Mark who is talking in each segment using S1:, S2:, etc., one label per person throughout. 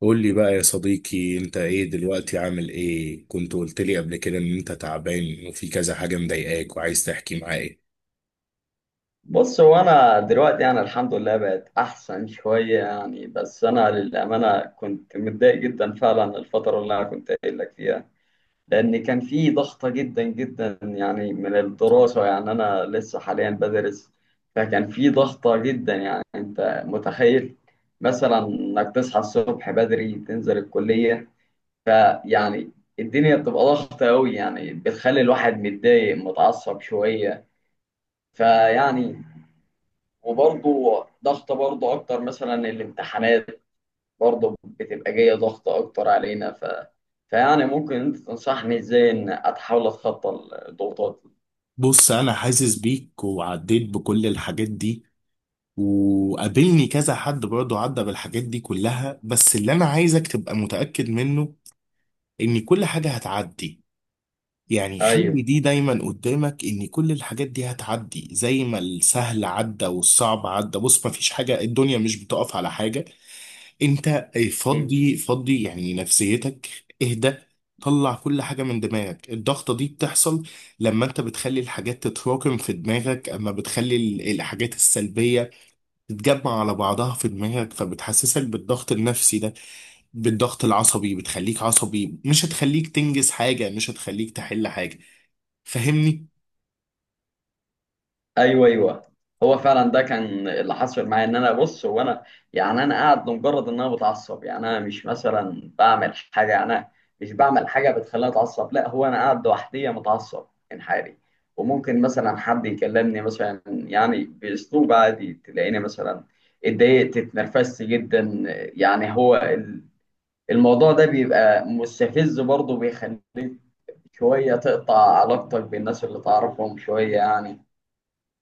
S1: قول لي بقى يا صديقي، انت ايه دلوقتي؟ عامل ايه؟ كنت قلت لي قبل كده ان انت تعبان وفي كذا حاجة مضايقاك وعايز تحكي معايا.
S2: بص، هو انا دلوقتي يعني الحمد لله بقت احسن شويه يعني. بس انا للامانه كنت متضايق جدا فعلا الفتره اللي انا كنت قايل لك فيها، لان كان في ضغطه جدا جدا يعني من الدراسه. يعني انا لسه حاليا بدرس، فكان في ضغطه جدا. يعني انت متخيل مثلا انك تصحى الصبح بدري تنزل الكليه، فيعني الدنيا بتبقى ضغطه قوي، يعني بتخلي الواحد متضايق متعصب شويه. فيعني وبرضه ضغط برضه اكتر مثلا الامتحانات برضه بتبقى جايه ضغط اكتر علينا فيعني ممكن انت تنصحني ازاي ان اتحاول اتخطى الضغوطات دي؟
S1: بص، انا حاسس بيك وعديت بكل الحاجات دي، وقابلني كذا حد برضه عدى بالحاجات دي كلها. بس اللي انا عايزك تبقى متأكد منه ان كل حاجة هتعدي. يعني
S2: ايوه.
S1: خلي دي دايما قدامك، ان كل الحاجات دي هتعدي زي ما السهل عدى والصعب عدى. بص، مفيش حاجة، الدنيا مش بتقف على حاجة. انت
S2: اكيد.
S1: فضي فضي يعني نفسيتك، اهدى، طلع كل حاجة من دماغك. الضغطة دي بتحصل لما انت بتخلي الحاجات تتراكم في دماغك، اما بتخلي الحاجات السلبية تتجمع على بعضها في دماغك، فبتحسسك بالضغط النفسي ده، بالضغط العصبي، بتخليك عصبي، مش هتخليك تنجز حاجة، مش هتخليك تحل حاجة. فاهمني؟
S2: ايوه، ايوه. هو فعلا ده كان اللي حصل معايا، ان انا، بص هو انا يعني انا قاعد لمجرد ان انا بتعصب. يعني انا مش مثلا بعمل حاجه، يعني انا مش بعمل حاجه بتخليني اتعصب، لا هو انا قاعد لوحدي متعصب انحالي. وممكن مثلا حد يكلمني مثلا يعني باسلوب عادي تلاقيني مثلا اتضايقت اتنرفزت جدا. يعني هو الموضوع ده بيبقى مستفز، برضه بيخليك شويه تقطع علاقتك بالناس اللي تعرفهم شويه يعني.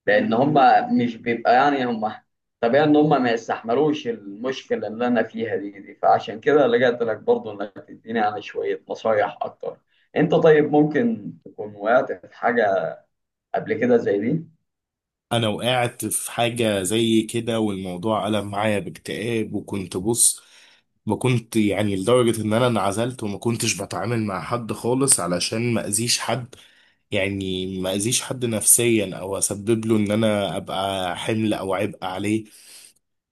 S2: لان هم مش بيبقى، يعني هم طبيعي ان هم ما يستحملوش المشكله اللي انا فيها دي، فعشان كده لجأت لك برضه انك تديني يعني شويه نصايح اكتر. انت طيب ممكن تكون وقعت في حاجه قبل كده زي دي؟
S1: انا وقعت في حاجة زي كده والموضوع قلب معايا باكتئاب، وكنت بص، ما كنت يعني لدرجة ان انا انعزلت وما كنتش بتعامل مع حد خالص علشان ما اذيش حد، يعني ما اذيش حد نفسيا او اسبب له ان انا ابقى حمل او عبء عليه.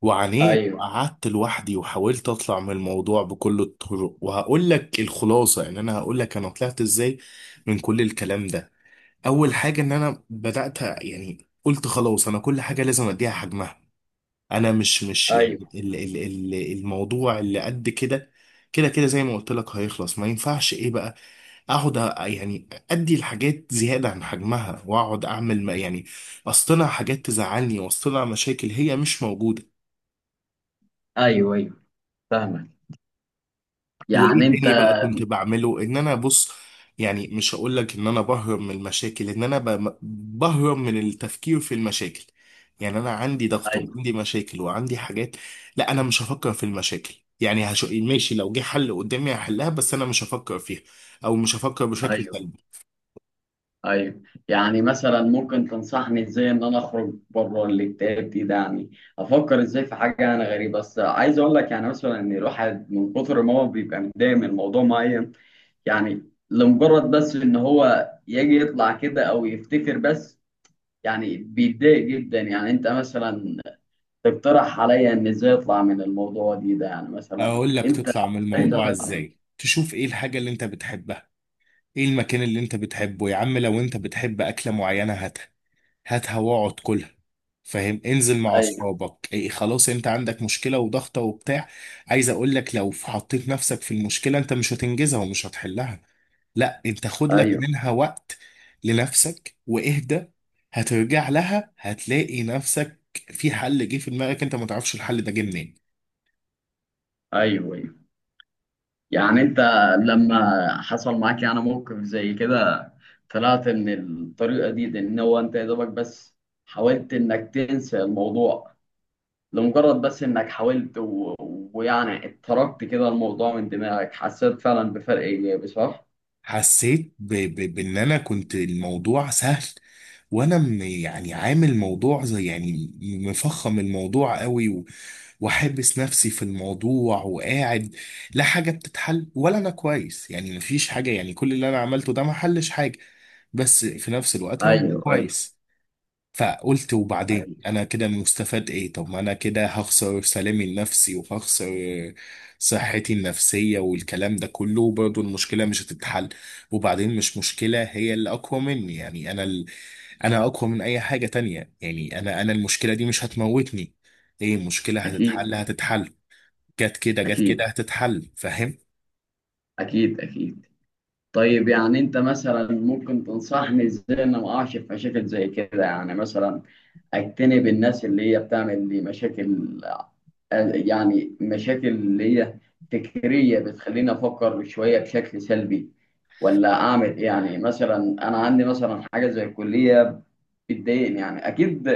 S1: وعانيت
S2: ايوه،
S1: وقعدت لوحدي وحاولت اطلع من الموضوع بكل الطرق. وهقول لك الخلاصة، يعني انا هقول لك انا طلعت ازاي من كل الكلام ده. اول حاجه ان انا بدات يعني قلت خلاص، انا كل حاجه لازم اديها حجمها. انا مش
S2: ايوه.
S1: يعني ال الموضوع اللي قد كده، كده كده زي ما قلت لك هيخلص. ما ينفعش ايه بقى، اقعد يعني ادي الحاجات زياده عن حجمها، واقعد اعمل ما يعني اصطنع حاجات تزعلني واصطنع مشاكل هي مش موجوده.
S2: ايوه، ايوه. فاهمك.
S1: وايه
S2: يعني
S1: تاني
S2: انت،
S1: بقى كنت بعمله؟ ان انا بص، يعني مش هقول لك ان انا بهرب من المشاكل، ان انا بهرب من التفكير في المشاكل. يعني انا عندي ضغط
S2: ايوه،
S1: وعندي مشاكل وعندي حاجات، لا انا مش هفكر في المشاكل. يعني ماشي، لو جه حل قدامي هحلها، بس انا مش هفكر فيها، او مش هفكر بشكل
S2: ايوه.
S1: سلبي.
S2: ايوه يعني مثلا ممكن تنصحني ازاي ان انا اخرج بره الاكتئاب دي ده، يعني افكر ازاي في حاجه انا غريبه. بس عايز اقول لك يعني مثلا ان الواحد من كتر ما هو بيبقى متضايق من موضوع معين، يعني لمجرد بس ان هو يجي يطلع كده او يفتكر بس يعني بيتضايق جدا. يعني انت مثلا تقترح عليا ان ازاي اطلع من الموضوع دي ده، يعني مثلا
S1: اقول لك
S2: انت
S1: تطلع من
S2: ازاي
S1: الموضوع
S2: طلعت منه؟
S1: ازاي، تشوف ايه الحاجة اللي انت بتحبها، ايه المكان اللي انت بتحبه يا عم. لو انت بتحب اكلة معينة هاتها واقعد كلها، فاهم؟ انزل مع
S2: ايوه،
S1: اصحابك. إيه، خلاص، انت عندك مشكله وضغطه وبتاع، عايز اقول لك لو حطيت نفسك في المشكله انت مش هتنجزها ومش هتحلها. لا، انت خد لك
S2: ايوه.
S1: منها وقت لنفسك واهدى، هترجع لها هتلاقي نفسك في حل جه في دماغك، انت ما تعرفش الحل ده جه منين.
S2: ايوه. يعني انت لما حصل معاك يعني موقف زي كده، طلعت من الطريقة دي، ان هو انت يا دوبك بس حاولت انك تنسى الموضوع؟ لمجرد بس انك حاولت ويعني اتركت كده الموضوع من دماغك حسيت فعلا بفرق ايجابي، صح؟
S1: حسيت بان انا كنت الموضوع سهل، وانا يعني عامل موضوع زي يعني مفخم الموضوع قوي، واحبس نفسي في الموضوع وقاعد. لا حاجة بتتحل ولا انا كويس، يعني مفيش حاجة، يعني كل اللي انا عملته ده ما حلش حاجة، بس في نفس الوقت انا مش
S2: ايوه، ايوه.
S1: كويس. فقلت وبعدين
S2: ايوه.
S1: انا كده مستفاد ايه؟ طب ما انا كده هخسر سلامي النفسي، وهخسر صحتي النفسية والكلام ده كله، وبرضه المشكلة مش هتتحل. وبعدين مش مشكلة هي اللي اقوى مني، يعني انا انا اقوى من اي حاجة تانية. يعني انا، انا المشكلة دي مش هتموتني. ايه، المشكلة
S2: اكيد.
S1: هتتحل هتتحل، جت كده جت كده
S2: اكيد،
S1: هتتحل، فاهم؟
S2: اكيد. اكيد. طيب يعني انت مثلا ممكن تنصحني ازاي ان ما اقعش في مشاكل زي كده؟ يعني مثلا اجتنب الناس اللي هي بتعمل لي مشاكل، يعني مشاكل اللي هي فكرية بتخليني افكر شوية بشكل سلبي، ولا اعمل ايه؟ يعني مثلا انا عندي مثلا حاجة زي الكلية بتضايقني يعني. اكيد،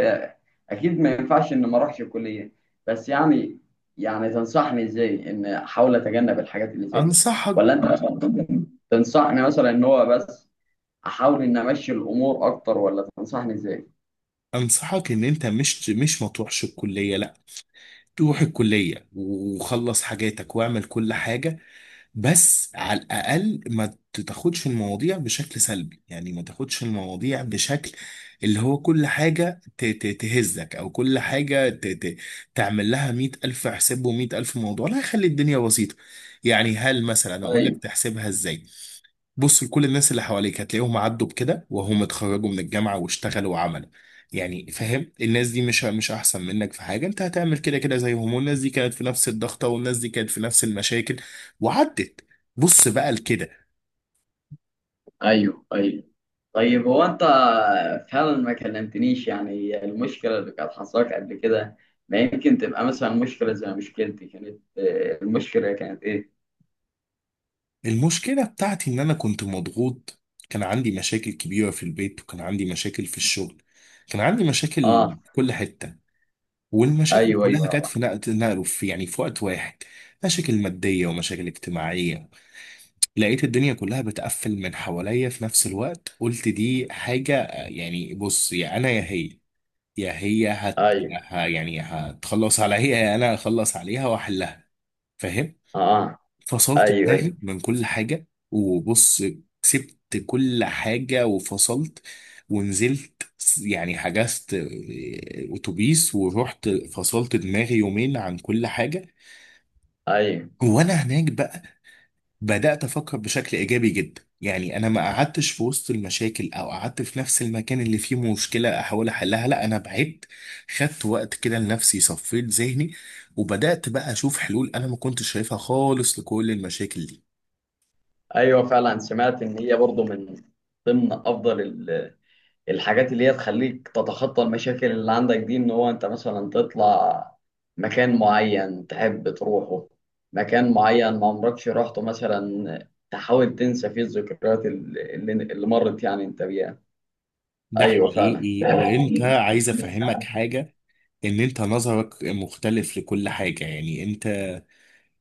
S2: اكيد ما ينفعش ان ما اروحش الكلية، بس يعني تنصحني ازاي ان احاول اتجنب الحاجات اللي زي دي؟
S1: انصحك
S2: ولا انت مثلا تنصحني مثلا ان هو بس احاول ان امشي الامور اكتر، ولا تنصحني ازاي؟
S1: انصحك ان انت مش ما تروحش الكليه، لا، تروح الكليه وخلص حاجاتك واعمل كل حاجه. بس على الاقل ما تاخدش المواضيع بشكل سلبي، يعني ما تاخدش المواضيع بشكل اللي هو كل حاجه تهزك، او كل حاجه تعمل لها مية الف حساب ومية الف موضوع. لا، خلي الدنيا بسيطه. يعني هل مثلا اقول لك
S2: ايوه،
S1: تحسبها ازاي؟ بص، لكل الناس اللي حواليك هتلاقيهم عدوا بكده، وهم اتخرجوا من الجامعة واشتغلوا وعملوا. يعني فاهم، الناس دي مش احسن منك في حاجة، انت هتعمل كده كده زيهم. والناس دي كانت في نفس الضغطة، والناس دي كانت في نفس المشاكل، وعدت. بص بقى لكده،
S2: ايوه. ايوه. طيب هو انت فعلا ما كلمتنيش يعني المشكله اللي كانت حصلك قبل كده، ما يمكن تبقى مثلا مشكله زي مشكلتي. كانت المشكله كانت ايه؟
S1: المشكلة بتاعتي ان انا كنت مضغوط، كان عندي مشاكل كبيرة في البيت، وكان عندي مشاكل في الشغل، كان عندي مشاكل
S2: اه.
S1: في كل حتة، والمشاكل
S2: ايوه، ايوه،
S1: كلها كانت
S2: يابا.
S1: في في يعني في وقت واحد، مشاكل مادية ومشاكل اجتماعية. لقيت الدنيا كلها بتقفل من حواليا في نفس الوقت. قلت دي حاجة، يعني بص، يا أنا يا هي، يا هي
S2: ايوه.
S1: يعني هتخلص عليا، يا أنا هخلص عليها وأحلها، فاهم؟
S2: اه.
S1: فصلت
S2: ايوه،
S1: دماغي
S2: ايوه.
S1: من كل حاجة وبص، سبت كل حاجة وفصلت، ونزلت. يعني حجزت أتوبيس ورحت فصلت دماغي يومين عن كل حاجة.
S2: ايوه،
S1: وأنا هناك بقى بدأت أفكر بشكل إيجابي جدا. يعني أنا ما قعدتش في وسط المشاكل، أو قعدت في نفس المكان اللي فيه مشكلة أحاول أحلها، لا، أنا بعدت، خدت وقت كده لنفسي، صفيت ذهني، وبدأت بقى أشوف حلول أنا ما كنتش شايفها خالص لكل المشاكل دي.
S2: ايوه فعلا سمعت ان هي برضو من ضمن افضل الحاجات اللي هي تخليك تتخطى المشاكل اللي عندك دي، ان هو انت مثلا تطلع مكان معين تحب تروحه، مكان معين ما عمركش رحته، مثلا تحاول تنسى فيه الذكريات اللي مرت يعني انت بيها.
S1: ده
S2: ايوه فعلا.
S1: حقيقي. وأنت عايز أفهمك حاجة، إن أنت نظرك مختلف لكل حاجة. يعني أنت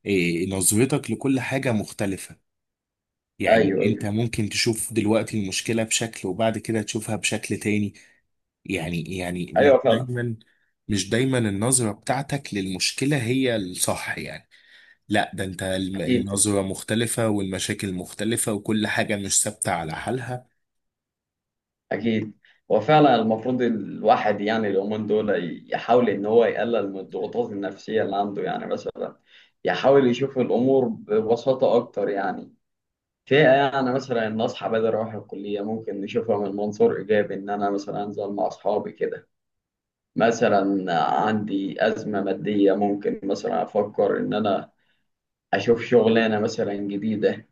S1: نظرتك لكل حاجة مختلفة. يعني
S2: ايوه،
S1: أنت
S2: ايوه.
S1: ممكن تشوف دلوقتي المشكلة بشكل، وبعد كده تشوفها بشكل تاني. يعني، يعني مش
S2: ايوه فعلا.
S1: دايما، مش دايما النظرة بتاعتك للمشكلة هي الصح. يعني لا، ده انت
S2: اكيد.
S1: النظرة مختلفة، والمشاكل مختلفة، وكل حاجة مش ثابتة على حالها.
S2: اكيد. هو فعلا المفروض الواحد يعني اليومين دول يحاول ان هو يقلل من الضغوطات النفسيه اللي عنده. يعني مثلا يحاول يشوف الامور ببساطه اكتر. يعني في يعني مثلا ان اصحى بدري اروح الكليه ممكن نشوفها من منظور ايجابي، ان انا مثلا انزل مع اصحابي كده. مثلا عندي ازمه ماديه ممكن مثلا افكر ان انا اشوف شغلانه مثلا جديده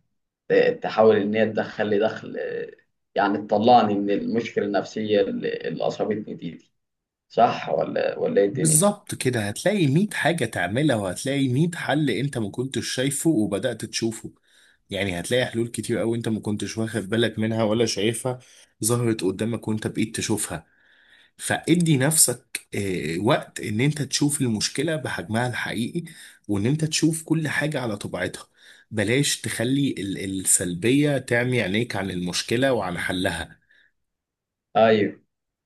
S2: تحاول ان هي تدخل لي دخل، يعني تطلعني من المشكله النفسيه اللي اصابتني دي. صح ولا ايه الدنيا؟
S1: بالظبط كده، هتلاقي مية حاجة تعملها، وهتلاقي مية حل انت ما كنتش شايفه وبدأت تشوفه. يعني هتلاقي حلول كتير قوي انت ما كنتش واخد بالك منها ولا شايفها، ظهرت قدامك وانت بقيت تشوفها. فادي نفسك وقت ان انت تشوف المشكلة بحجمها الحقيقي، وان انت تشوف كل حاجة على طبيعتها. بلاش تخلي السلبية تعمي عينيك عن المشكلة وعن حلها.
S2: ايوه.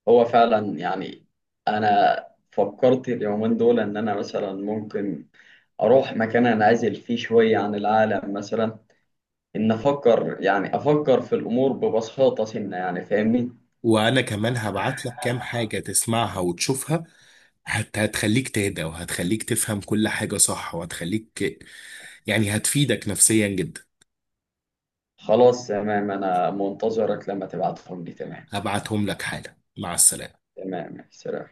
S2: هو فعلا يعني انا فكرت اليومين دول ان انا مثلا ممكن اروح مكان انعزل فيه شويه عن العالم، مثلا ان افكر، يعني افكر في الامور ببساطه سنه يعني. فاهمني؟
S1: وانا كمان هبعت لك كام حاجة تسمعها وتشوفها، هتخليك تهدى، وهتخليك تفهم كل حاجة صح، وهتخليك يعني هتفيدك نفسيا جدا.
S2: خلاص، تمام. انا منتظرك لما تبعتهم لي. تمام.
S1: هبعتهم لك حالا، مع السلامة.
S2: تمام، سلام.